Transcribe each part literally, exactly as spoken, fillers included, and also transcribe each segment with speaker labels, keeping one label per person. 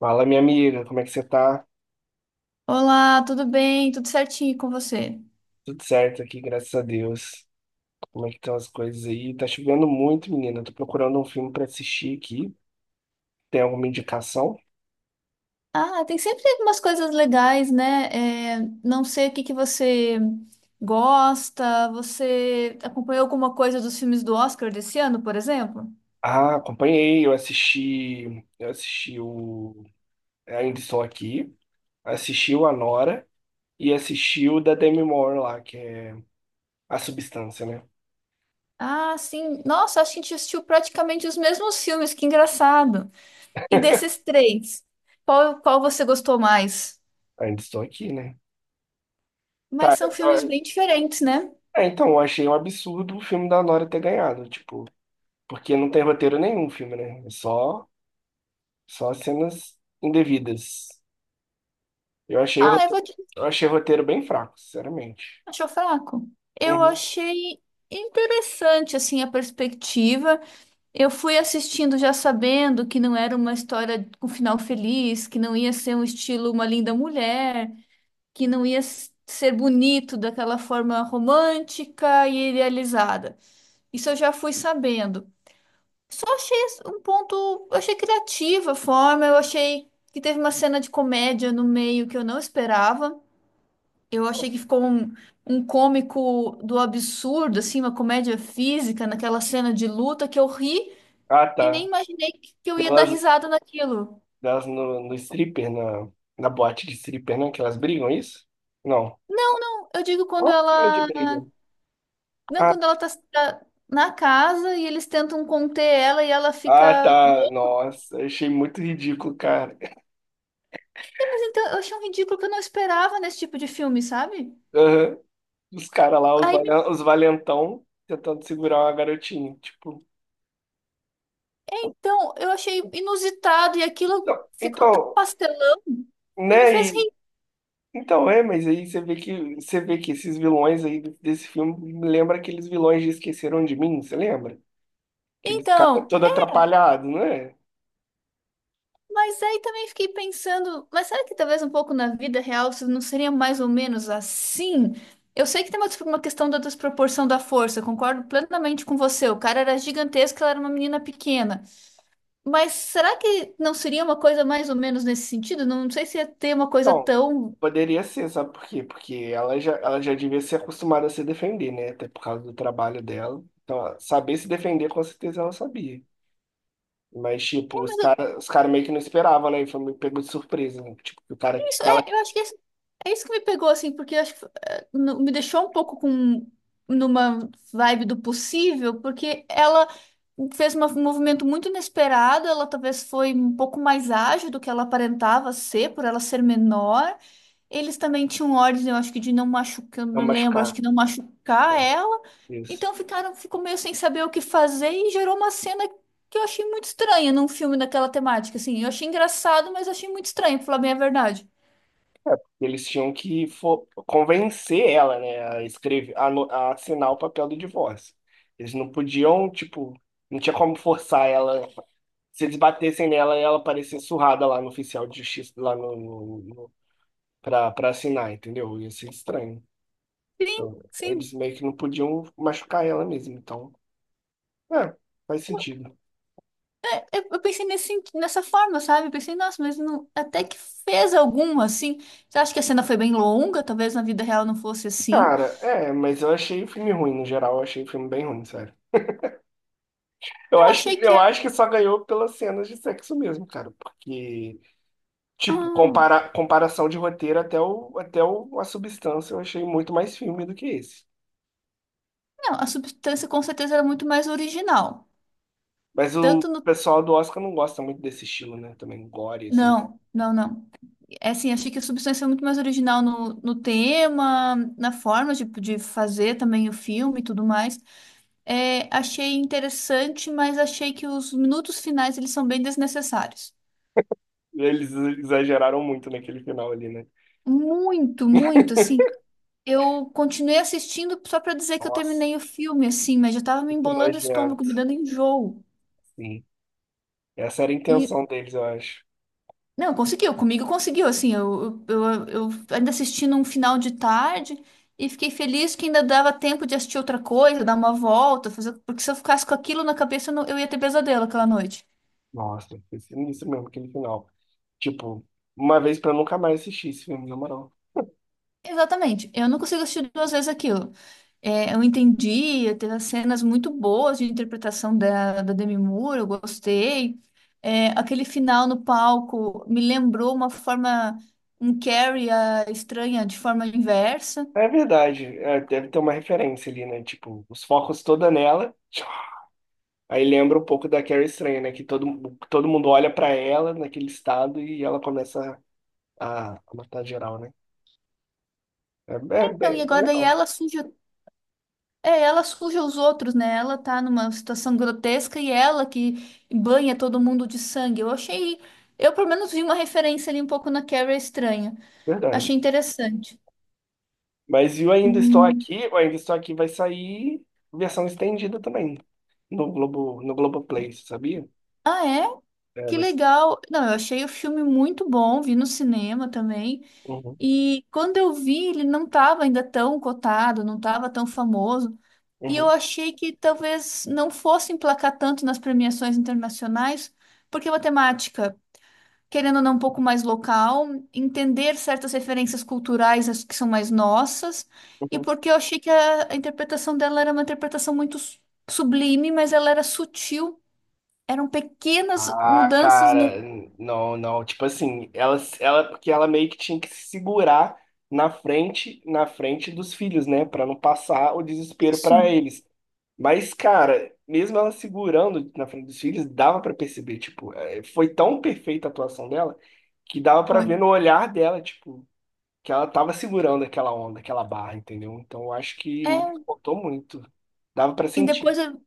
Speaker 1: Fala, minha amiga, como é que você tá?
Speaker 2: Olá, tudo bem? Tudo certinho com você?
Speaker 1: Tudo certo aqui, graças a Deus. Como é que estão as coisas aí? Tá chovendo muito, menina. Tô procurando um filme pra assistir aqui. Tem alguma indicação?
Speaker 2: Ah, tem sempre umas coisas legais, né? É, não sei o que que você gosta. Você acompanhou alguma coisa dos filmes do Oscar desse ano, por exemplo?
Speaker 1: Ah, acompanhei, eu assisti, eu assisti o Ainda Estou Aqui, assisti o Anora e assisti o da Demi Moore lá, que é A Substância, né?
Speaker 2: Ah, sim. Nossa, acho que a gente assistiu praticamente os mesmos filmes, que engraçado. E desses três, qual, qual você gostou mais?
Speaker 1: Ainda Estou Aqui, né?
Speaker 2: Mas são
Speaker 1: Cara,
Speaker 2: filmes
Speaker 1: eu-
Speaker 2: bem diferentes, né?
Speaker 1: é, então, eu achei um absurdo o filme da Nora ter ganhado, tipo, porque não tem roteiro nenhum o filme, né? É só Só cenas indevidas. Eu achei o
Speaker 2: Ah, eu
Speaker 1: roteiro,
Speaker 2: vou te...
Speaker 1: eu achei o roteiro bem fraco, sinceramente.
Speaker 2: Achou fraco? Eu
Speaker 1: Uhum.
Speaker 2: achei interessante, assim, a perspectiva. Eu fui assistindo já sabendo que não era uma história com final feliz, que não ia ser um estilo Uma Linda Mulher, que não ia s- ser bonito daquela forma romântica e idealizada. Isso eu já fui sabendo. Só achei as- um ponto, eu achei criativa a forma, eu achei que teve uma cena de comédia no meio que eu não esperava. Eu achei que ficou um, um cômico do absurdo, assim, uma comédia física naquela cena de luta que eu ri.
Speaker 1: Ah,
Speaker 2: E nem
Speaker 1: tá.
Speaker 2: imaginei que que eu ia dar
Speaker 1: Delas,
Speaker 2: risada naquilo.
Speaker 1: delas no, no stripper, na, na boate de stripper, né? Que elas brigam, é isso? Não.
Speaker 2: Não, não, eu digo quando
Speaker 1: Qual a cena de
Speaker 2: ela.
Speaker 1: briga?
Speaker 2: Não,
Speaker 1: Ah,
Speaker 2: quando ela tá tá na casa e eles tentam conter ela e ela
Speaker 1: ah,
Speaker 2: fica
Speaker 1: tá.
Speaker 2: louca.
Speaker 1: Nossa, eu achei muito ridículo, cara.
Speaker 2: É, mas então eu achei um ridículo que eu não esperava nesse tipo de filme, sabe?
Speaker 1: Aham. Os caras lá, os,
Speaker 2: Aí
Speaker 1: valen- os valentão, tentando segurar uma garotinha. Tipo,
Speaker 2: então eu achei inusitado e aquilo
Speaker 1: não,
Speaker 2: ficou tão
Speaker 1: então,
Speaker 2: pastelão que me fez
Speaker 1: né?
Speaker 2: rir.
Speaker 1: Então é, mas aí você vê que você vê que esses vilões aí desse filme me lembra aqueles vilões de Esqueceram de Mim, você lembra? Aqueles cara
Speaker 2: Então.
Speaker 1: todo atrapalhado, não é?
Speaker 2: Mas aí também fiquei pensando, mas será que talvez um pouco na vida real isso não seria mais ou menos assim? Eu sei que tem uma uma questão da desproporção da força, eu concordo plenamente com você. O cara era gigantesco, ela era uma menina pequena. Mas será que não seria uma coisa mais ou menos nesse sentido? Não sei se ia ter uma coisa
Speaker 1: Então,
Speaker 2: tão...
Speaker 1: poderia ser, sabe por quê? Porque ela já, ela já devia ser acostumada a se defender, né? Até por causa do trabalho dela. Então, ela- saber se defender, com certeza ela sabia. Mas, tipo, os caras os cara meio que não esperavam, né? E foi meio pegou de surpresa, né? Tipo, que o cara que
Speaker 2: Isso,
Speaker 1: ela
Speaker 2: é, eu acho que é, isso é isso que me pegou, assim, porque eu acho que eh, no- me deixou um pouco com... numa vibe do possível, porque ela fez uma- um movimento muito inesperado, ela talvez foi um pouco mais ágil do que ela aparentava ser, por ela ser menor. Eles também tinham ordens, eu acho que de não machucar, eu
Speaker 1: ia
Speaker 2: me lembro, acho
Speaker 1: machucar.
Speaker 2: que não
Speaker 1: É,
Speaker 2: machucar ela.
Speaker 1: isso.
Speaker 2: Então ficaram, ficou meio sem saber o que fazer e gerou uma cena que eu achei muito estranha num filme daquela temática, assim. Eu achei engraçado, mas achei muito estranho, pra falar bem a verdade.
Speaker 1: É, porque eles tinham que fo- convencer ela, né, a escrever, a, no- a assinar o papel do divórcio. Eles não podiam, tipo, não tinha como forçar ela. Se eles batessem nela, ela parecia surrada lá no oficial de justiça, lá no, no, no- pra, pra assinar, entendeu? Ia ser estranho.
Speaker 2: Sim,
Speaker 1: Então,
Speaker 2: sim.
Speaker 1: eles meio que não podiam machucar ela mesmo. Então, é, faz
Speaker 2: Eu,
Speaker 1: sentido.
Speaker 2: é, é, eu pensei nesse, senti- nessa forma, sabe? Eu pensei, nossa, mas não, até que fez algum, assim. Você acha que a cena foi bem longa? Talvez na vida real não fosse assim.
Speaker 1: Cara, é, mas eu achei o filme ruim, no geral, eu achei o filme bem ruim, sério. Eu
Speaker 2: Eu
Speaker 1: acho que,
Speaker 2: achei que...
Speaker 1: eu acho
Speaker 2: era-
Speaker 1: que só ganhou pelas cenas de sexo mesmo, cara, porque tipo,
Speaker 2: ah,
Speaker 1: compara comparação de roteiro até, o, até o, a substância, eu achei muito mais filme do que esse.
Speaker 2: não, a substância com certeza era muito mais original.
Speaker 1: Mas o
Speaker 2: Tanto no...
Speaker 1: pessoal do Oscar não gosta muito desse estilo, né? Também gore, assim.
Speaker 2: Não, não, não. É assim, achei que a substância é muito mais original no, no tema, na forma de, de fazer também o filme e tudo mais. É, achei interessante, mas achei que os minutos finais, eles são bem desnecessários.
Speaker 1: Eles exageraram muito naquele final ali, né?
Speaker 2: Muito, muito, assim. Eu continuei assistindo só pra dizer que eu
Speaker 1: Nossa,
Speaker 2: terminei o filme, assim, mas já tava me
Speaker 1: muito
Speaker 2: embolando o estômago,
Speaker 1: nojento,
Speaker 2: me dando enjoo.
Speaker 1: sim. Essa era a
Speaker 2: E,
Speaker 1: intenção deles, eu acho.
Speaker 2: não, conseguiu, comigo conseguiu, assim. Eu, eu, eu, eu ainda assisti num final de tarde e fiquei feliz que ainda dava tempo de assistir outra coisa, dar uma volta, fazer, porque se eu ficasse com aquilo na cabeça, eu, não- eu ia ter pesadelo aquela noite.
Speaker 1: Nossa, foi sinistro mesmo aquele final. Tipo, uma vez pra nunca mais assistir esse filme, na moral.
Speaker 2: Exatamente. Eu não consigo assistir duas vezes aquilo. É, eu entendi, teve cenas muito boas de interpretação da, da Demi Moore, eu gostei. É, aquele final no palco me lembrou uma forma, um Carrie ah, estranha de forma inversa.
Speaker 1: É verdade, é, deve ter uma referência ali, né? Tipo, os focos toda nela. Aí lembra um pouco da Carrie Estranha, né? Que todo, todo mundo olha pra ela naquele estado e ela começa a, a matar geral, né? É, é bem,
Speaker 2: Então, e
Speaker 1: bem
Speaker 2: agora daí
Speaker 1: legal,
Speaker 2: ela suja, é, ela suja os outros, né? Ela tá numa situação grotesca e ela que banha todo mundo de sangue. Eu achei, eu pelo menos vi uma referência ali um pouco na Carrie estranha.
Speaker 1: verdade.
Speaker 2: Achei interessante.
Speaker 1: Mas e o Ainda Estou
Speaker 2: Hum.
Speaker 1: Aqui, o Ainda Estou Aqui vai sair versão estendida também no Globo, no Globoplay, você sabia?
Speaker 2: Ah, é?
Speaker 1: É,
Speaker 2: Que
Speaker 1: vai ser.
Speaker 2: legal. Não, eu achei o filme muito bom, vi no cinema também.
Speaker 1: Uhum,
Speaker 2: E quando eu vi, ele não estava ainda tão cotado, não estava tão famoso. E eu
Speaker 1: uhum,
Speaker 2: achei que talvez não fosse emplacar tanto nas premiações internacionais, porque é uma temática, querendo ou não, um pouco mais local, entender certas referências culturais as que são mais nossas, e
Speaker 1: uhum.
Speaker 2: porque eu achei que a, a interpretação dela era uma interpretação muito su- sublime, mas ela era sutil. Eram pequenas
Speaker 1: Ah,
Speaker 2: mudanças
Speaker 1: cara,
Speaker 2: no...
Speaker 1: n- não, não. Tipo assim, ela, ela, porque ela meio que tinha que se segurar na frente, na frente dos filhos, né, pra não passar o desespero
Speaker 2: Isso,
Speaker 1: pra eles. Mas, cara, mesmo ela segurando na frente dos filhos, dava pra perceber, tipo, eh, foi tão perfeita a atuação dela que dava pra ver no
Speaker 2: foi.
Speaker 1: olhar dela, tipo, que ela tava segurando aquela onda, aquela barra, entendeu? Então, eu acho que
Speaker 2: É,
Speaker 1: faltou muito. Dava pra
Speaker 2: e
Speaker 1: sentir,
Speaker 2: depois eu,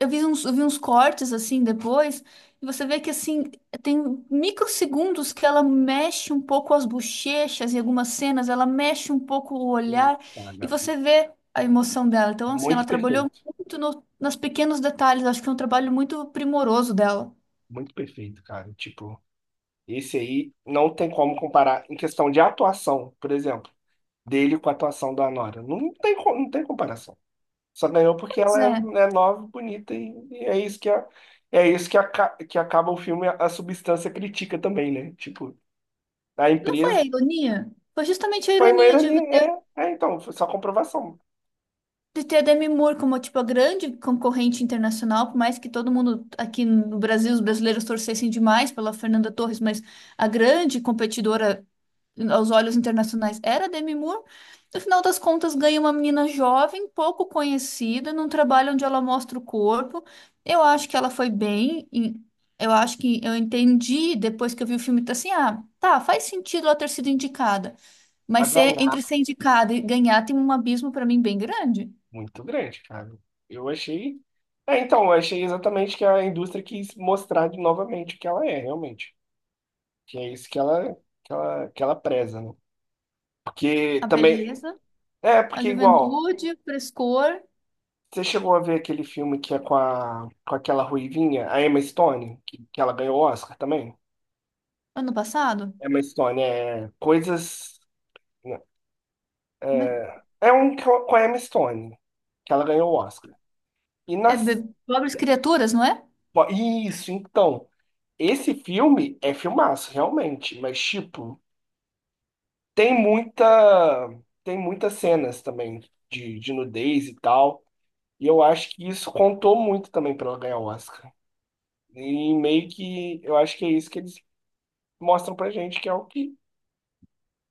Speaker 2: eu vi uns, eu vi uns cortes assim depois, e você vê que assim, tem microsegundos que ela mexe um pouco as bochechas em algumas cenas, ela mexe um pouco o olhar, e
Speaker 1: cara,
Speaker 2: você vê a emoção dela. Então, assim,
Speaker 1: muito
Speaker 2: ela trabalhou
Speaker 1: perfeito.
Speaker 2: muito no, nos pequenos detalhes, acho que é um trabalho muito primoroso dela.
Speaker 1: Muito perfeito, cara. Tipo, esse aí não tem como comparar em questão de atuação, por exemplo, dele com a atuação da Nora. Não tem, co- não tem comparação. Só ganhou porque
Speaker 2: Pois
Speaker 1: ela é,
Speaker 2: é,
Speaker 1: é nova, bonita e, e é isso que a, é isso que, aca- que acaba o filme, a, a substância crítica também, né? Tipo, a
Speaker 2: não foi a
Speaker 1: empresa
Speaker 2: ironia? Foi justamente a
Speaker 1: foi uma
Speaker 2: ironia de
Speaker 1: ironia. É, é, então, foi só comprovação.
Speaker 2: de ter a Demi Moore como, tipo, a grande concorrente internacional, por mais que todo mundo aqui no Brasil, os brasileiros torcessem demais pela Fernanda Torres, mas a grande competidora aos olhos internacionais era a Demi Moore. No final das contas, ganha uma menina jovem, pouco conhecida, num trabalho onde ela mostra o corpo. Eu acho que ela foi bem. em- Eu acho que eu entendi depois que eu vi o filme, tá assim, ah, tá, faz sentido ela ter sido indicada.
Speaker 1: Pra
Speaker 2: Mas ser, entre
Speaker 1: ganhar,
Speaker 2: ser indicada e ganhar tem um abismo para mim bem grande.
Speaker 1: muito grande, cara. Eu achei. É, então, eu achei exatamente que a indústria quis mostrar de novamente o que ela é, realmente. Que é isso que ela, que ela, que ela preza, né? Porque
Speaker 2: A
Speaker 1: também.
Speaker 2: beleza,
Speaker 1: É,
Speaker 2: a
Speaker 1: porque igual.
Speaker 2: juventude, o frescor.
Speaker 1: Você chegou a ver aquele filme que é com, a, com aquela ruivinha, a Emma Stone, que, que ela ganhou o Oscar também?
Speaker 2: Ano passado?
Speaker 1: Emma Stone, é. Coisas.
Speaker 2: Como é que...
Speaker 1: É, é um co- com a Emma Stone, que ela ganhou o Oscar. E
Speaker 2: É
Speaker 1: nas.
Speaker 2: be- Pobres Criaturas, não é?
Speaker 1: Pô, isso, então. Esse filme é filmaço, realmente, mas, tipo, tem muita. Tem muitas cenas também de, de nudez e tal. E eu acho que isso contou muito também para ela ganhar o Oscar. E meio que eu acho que é isso que eles mostram pra gente, que é o que,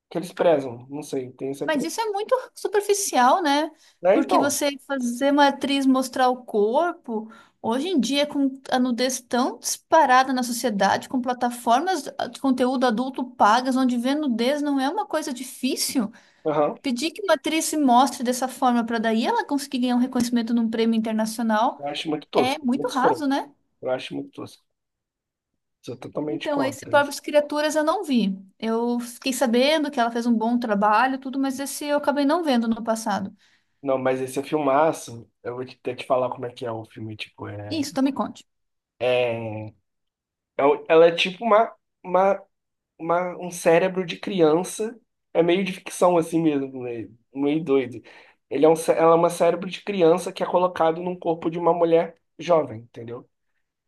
Speaker 1: que eles prezam. Não sei, tem essa
Speaker 2: Mas isso é
Speaker 1: crítica.
Speaker 2: muito superficial, né?
Speaker 1: Né,
Speaker 2: Porque
Speaker 1: então,
Speaker 2: você fazer uma atriz mostrar o corpo, hoje em dia, com a nudez tão disparada na sociedade, com plataformas ah, de conteúdo adulto pagas, onde ver nudez não é uma coisa difícil,
Speaker 1: aham,
Speaker 2: pedir que uma atriz se mostre dessa forma para daí ela conseguir ganhar um reconhecimento num prêmio internacional
Speaker 1: eu acho muito
Speaker 2: é
Speaker 1: tosco,
Speaker 2: muito
Speaker 1: muito escroto.
Speaker 2: raso, né?
Speaker 1: Eu acho muito tosco. Sou totalmente
Speaker 2: Então, esse
Speaker 1: contra isso.
Speaker 2: Pobres Criaturas eu não vi. Eu fiquei sabendo que ela fez um bom trabalho, tudo, mas esse eu acabei não vendo no passado.
Speaker 1: Não, mas esse é filmaço, eu vou te- até te falar como é que é o filme, tipo, é...
Speaker 2: Isso, então me conte.
Speaker 1: é o- Ela é tipo uma, uma uma- um cérebro de criança. É meio de ficção assim mesmo, né? Meio doido. Ele é um, cé- ela é uma cérebro de criança que é colocado num corpo de uma mulher jovem, entendeu?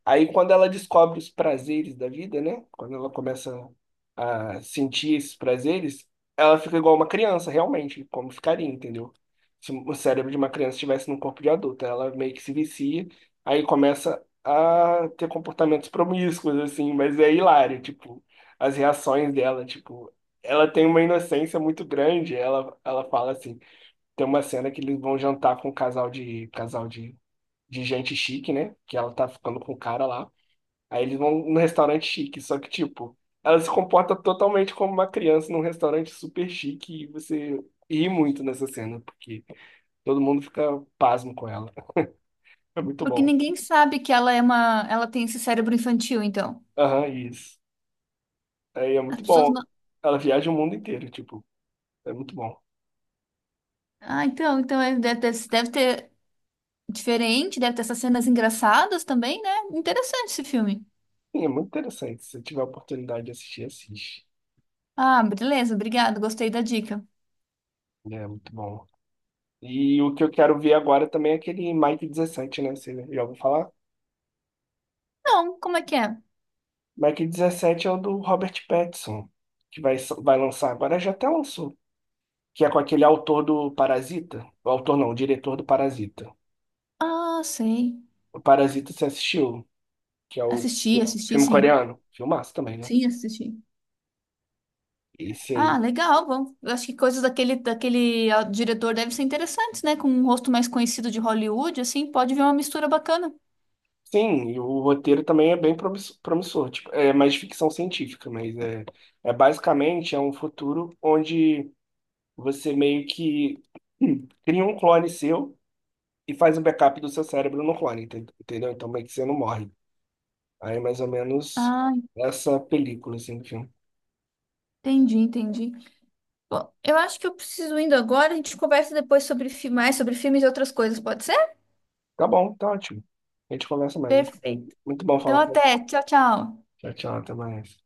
Speaker 1: Aí, quando ela descobre os prazeres da vida, né? Quando ela começa a sentir esses prazeres, ela fica igual uma criança, realmente, como ficaria, entendeu? Se o cérebro de uma criança estivesse num corpo de adulto, ela meio que se vicia, aí começa a ter comportamentos promíscuos, assim, mas é hilário, tipo, as reações dela, tipo, ela tem uma inocência muito grande, ela, ela fala assim, tem uma cena que eles vão jantar com um casal de, casal de, de gente chique, né? Que ela tá ficando com o cara lá. Aí eles vão num restaurante chique, só que, tipo, ela se comporta totalmente como uma criança num restaurante super chique e você ri muito nessa cena, porque todo mundo fica pasmo com ela. É muito
Speaker 2: Porque
Speaker 1: bom.
Speaker 2: ninguém sabe que ela é uma, ela tem esse cérebro infantil, então.
Speaker 1: Aham, isso. Aí é
Speaker 2: As
Speaker 1: muito
Speaker 2: pessoas
Speaker 1: bom.
Speaker 2: não...
Speaker 1: Ela viaja o mundo inteiro, tipo, é muito bom.
Speaker 2: Ah, então, então é- deve, deve deve ter diferente, deve ter essas cenas engraçadas também, né? Interessante esse filme.
Speaker 1: Sim, é muito interessante. Se você tiver a oportunidade de assistir, assiste.
Speaker 2: Ah, beleza, obrigado, gostei da dica.
Speaker 1: É muito bom. E o que eu quero ver agora também é aquele Mike dezessete, né? Você já ouviu falar?
Speaker 2: Não, como é que é?
Speaker 1: Mike dezessete é o do Robert Pattinson que vai, so-, vai lançar agora, já até lançou que é com aquele autor do Parasita. O autor não, o diretor do Parasita.
Speaker 2: Ah, sei.
Speaker 1: O Parasita você assistiu, que é o
Speaker 2: Assisti, assisti,
Speaker 1: filme
Speaker 2: sim.
Speaker 1: coreano. Filmaço também, né?
Speaker 2: Sim, assisti.
Speaker 1: Esse
Speaker 2: Ah,
Speaker 1: aí.
Speaker 2: legal. Bom, eu acho que coisas daquele, daquele ah, diretor devem ser interessantes, né? Com um rosto mais conhecido de Hollywood, assim, pode vir uma mistura bacana.
Speaker 1: Sim, e o roteiro também é bem promisso- promissor. Tipo, é mais ficção científica, mas é, é basicamente é um futuro onde você meio que hum, cria um clone seu e faz um backup do seu cérebro no clone, enten- entendeu? Então meio que você não morre. Aí é mais ou menos
Speaker 2: Ah,
Speaker 1: essa película assim do filme.
Speaker 2: entendi, entendi. Bom, eu acho que eu preciso indo agora. A gente conversa depois sobre fi- mais sobre filmes e outras coisas, pode ser?
Speaker 1: Tá bom, tá ótimo. A gente conversa mais.
Speaker 2: Perfeito.
Speaker 1: Muito bom falar
Speaker 2: Então,
Speaker 1: com você.
Speaker 2: até. Tchau, tchau.
Speaker 1: Tchau, tchau, até mais.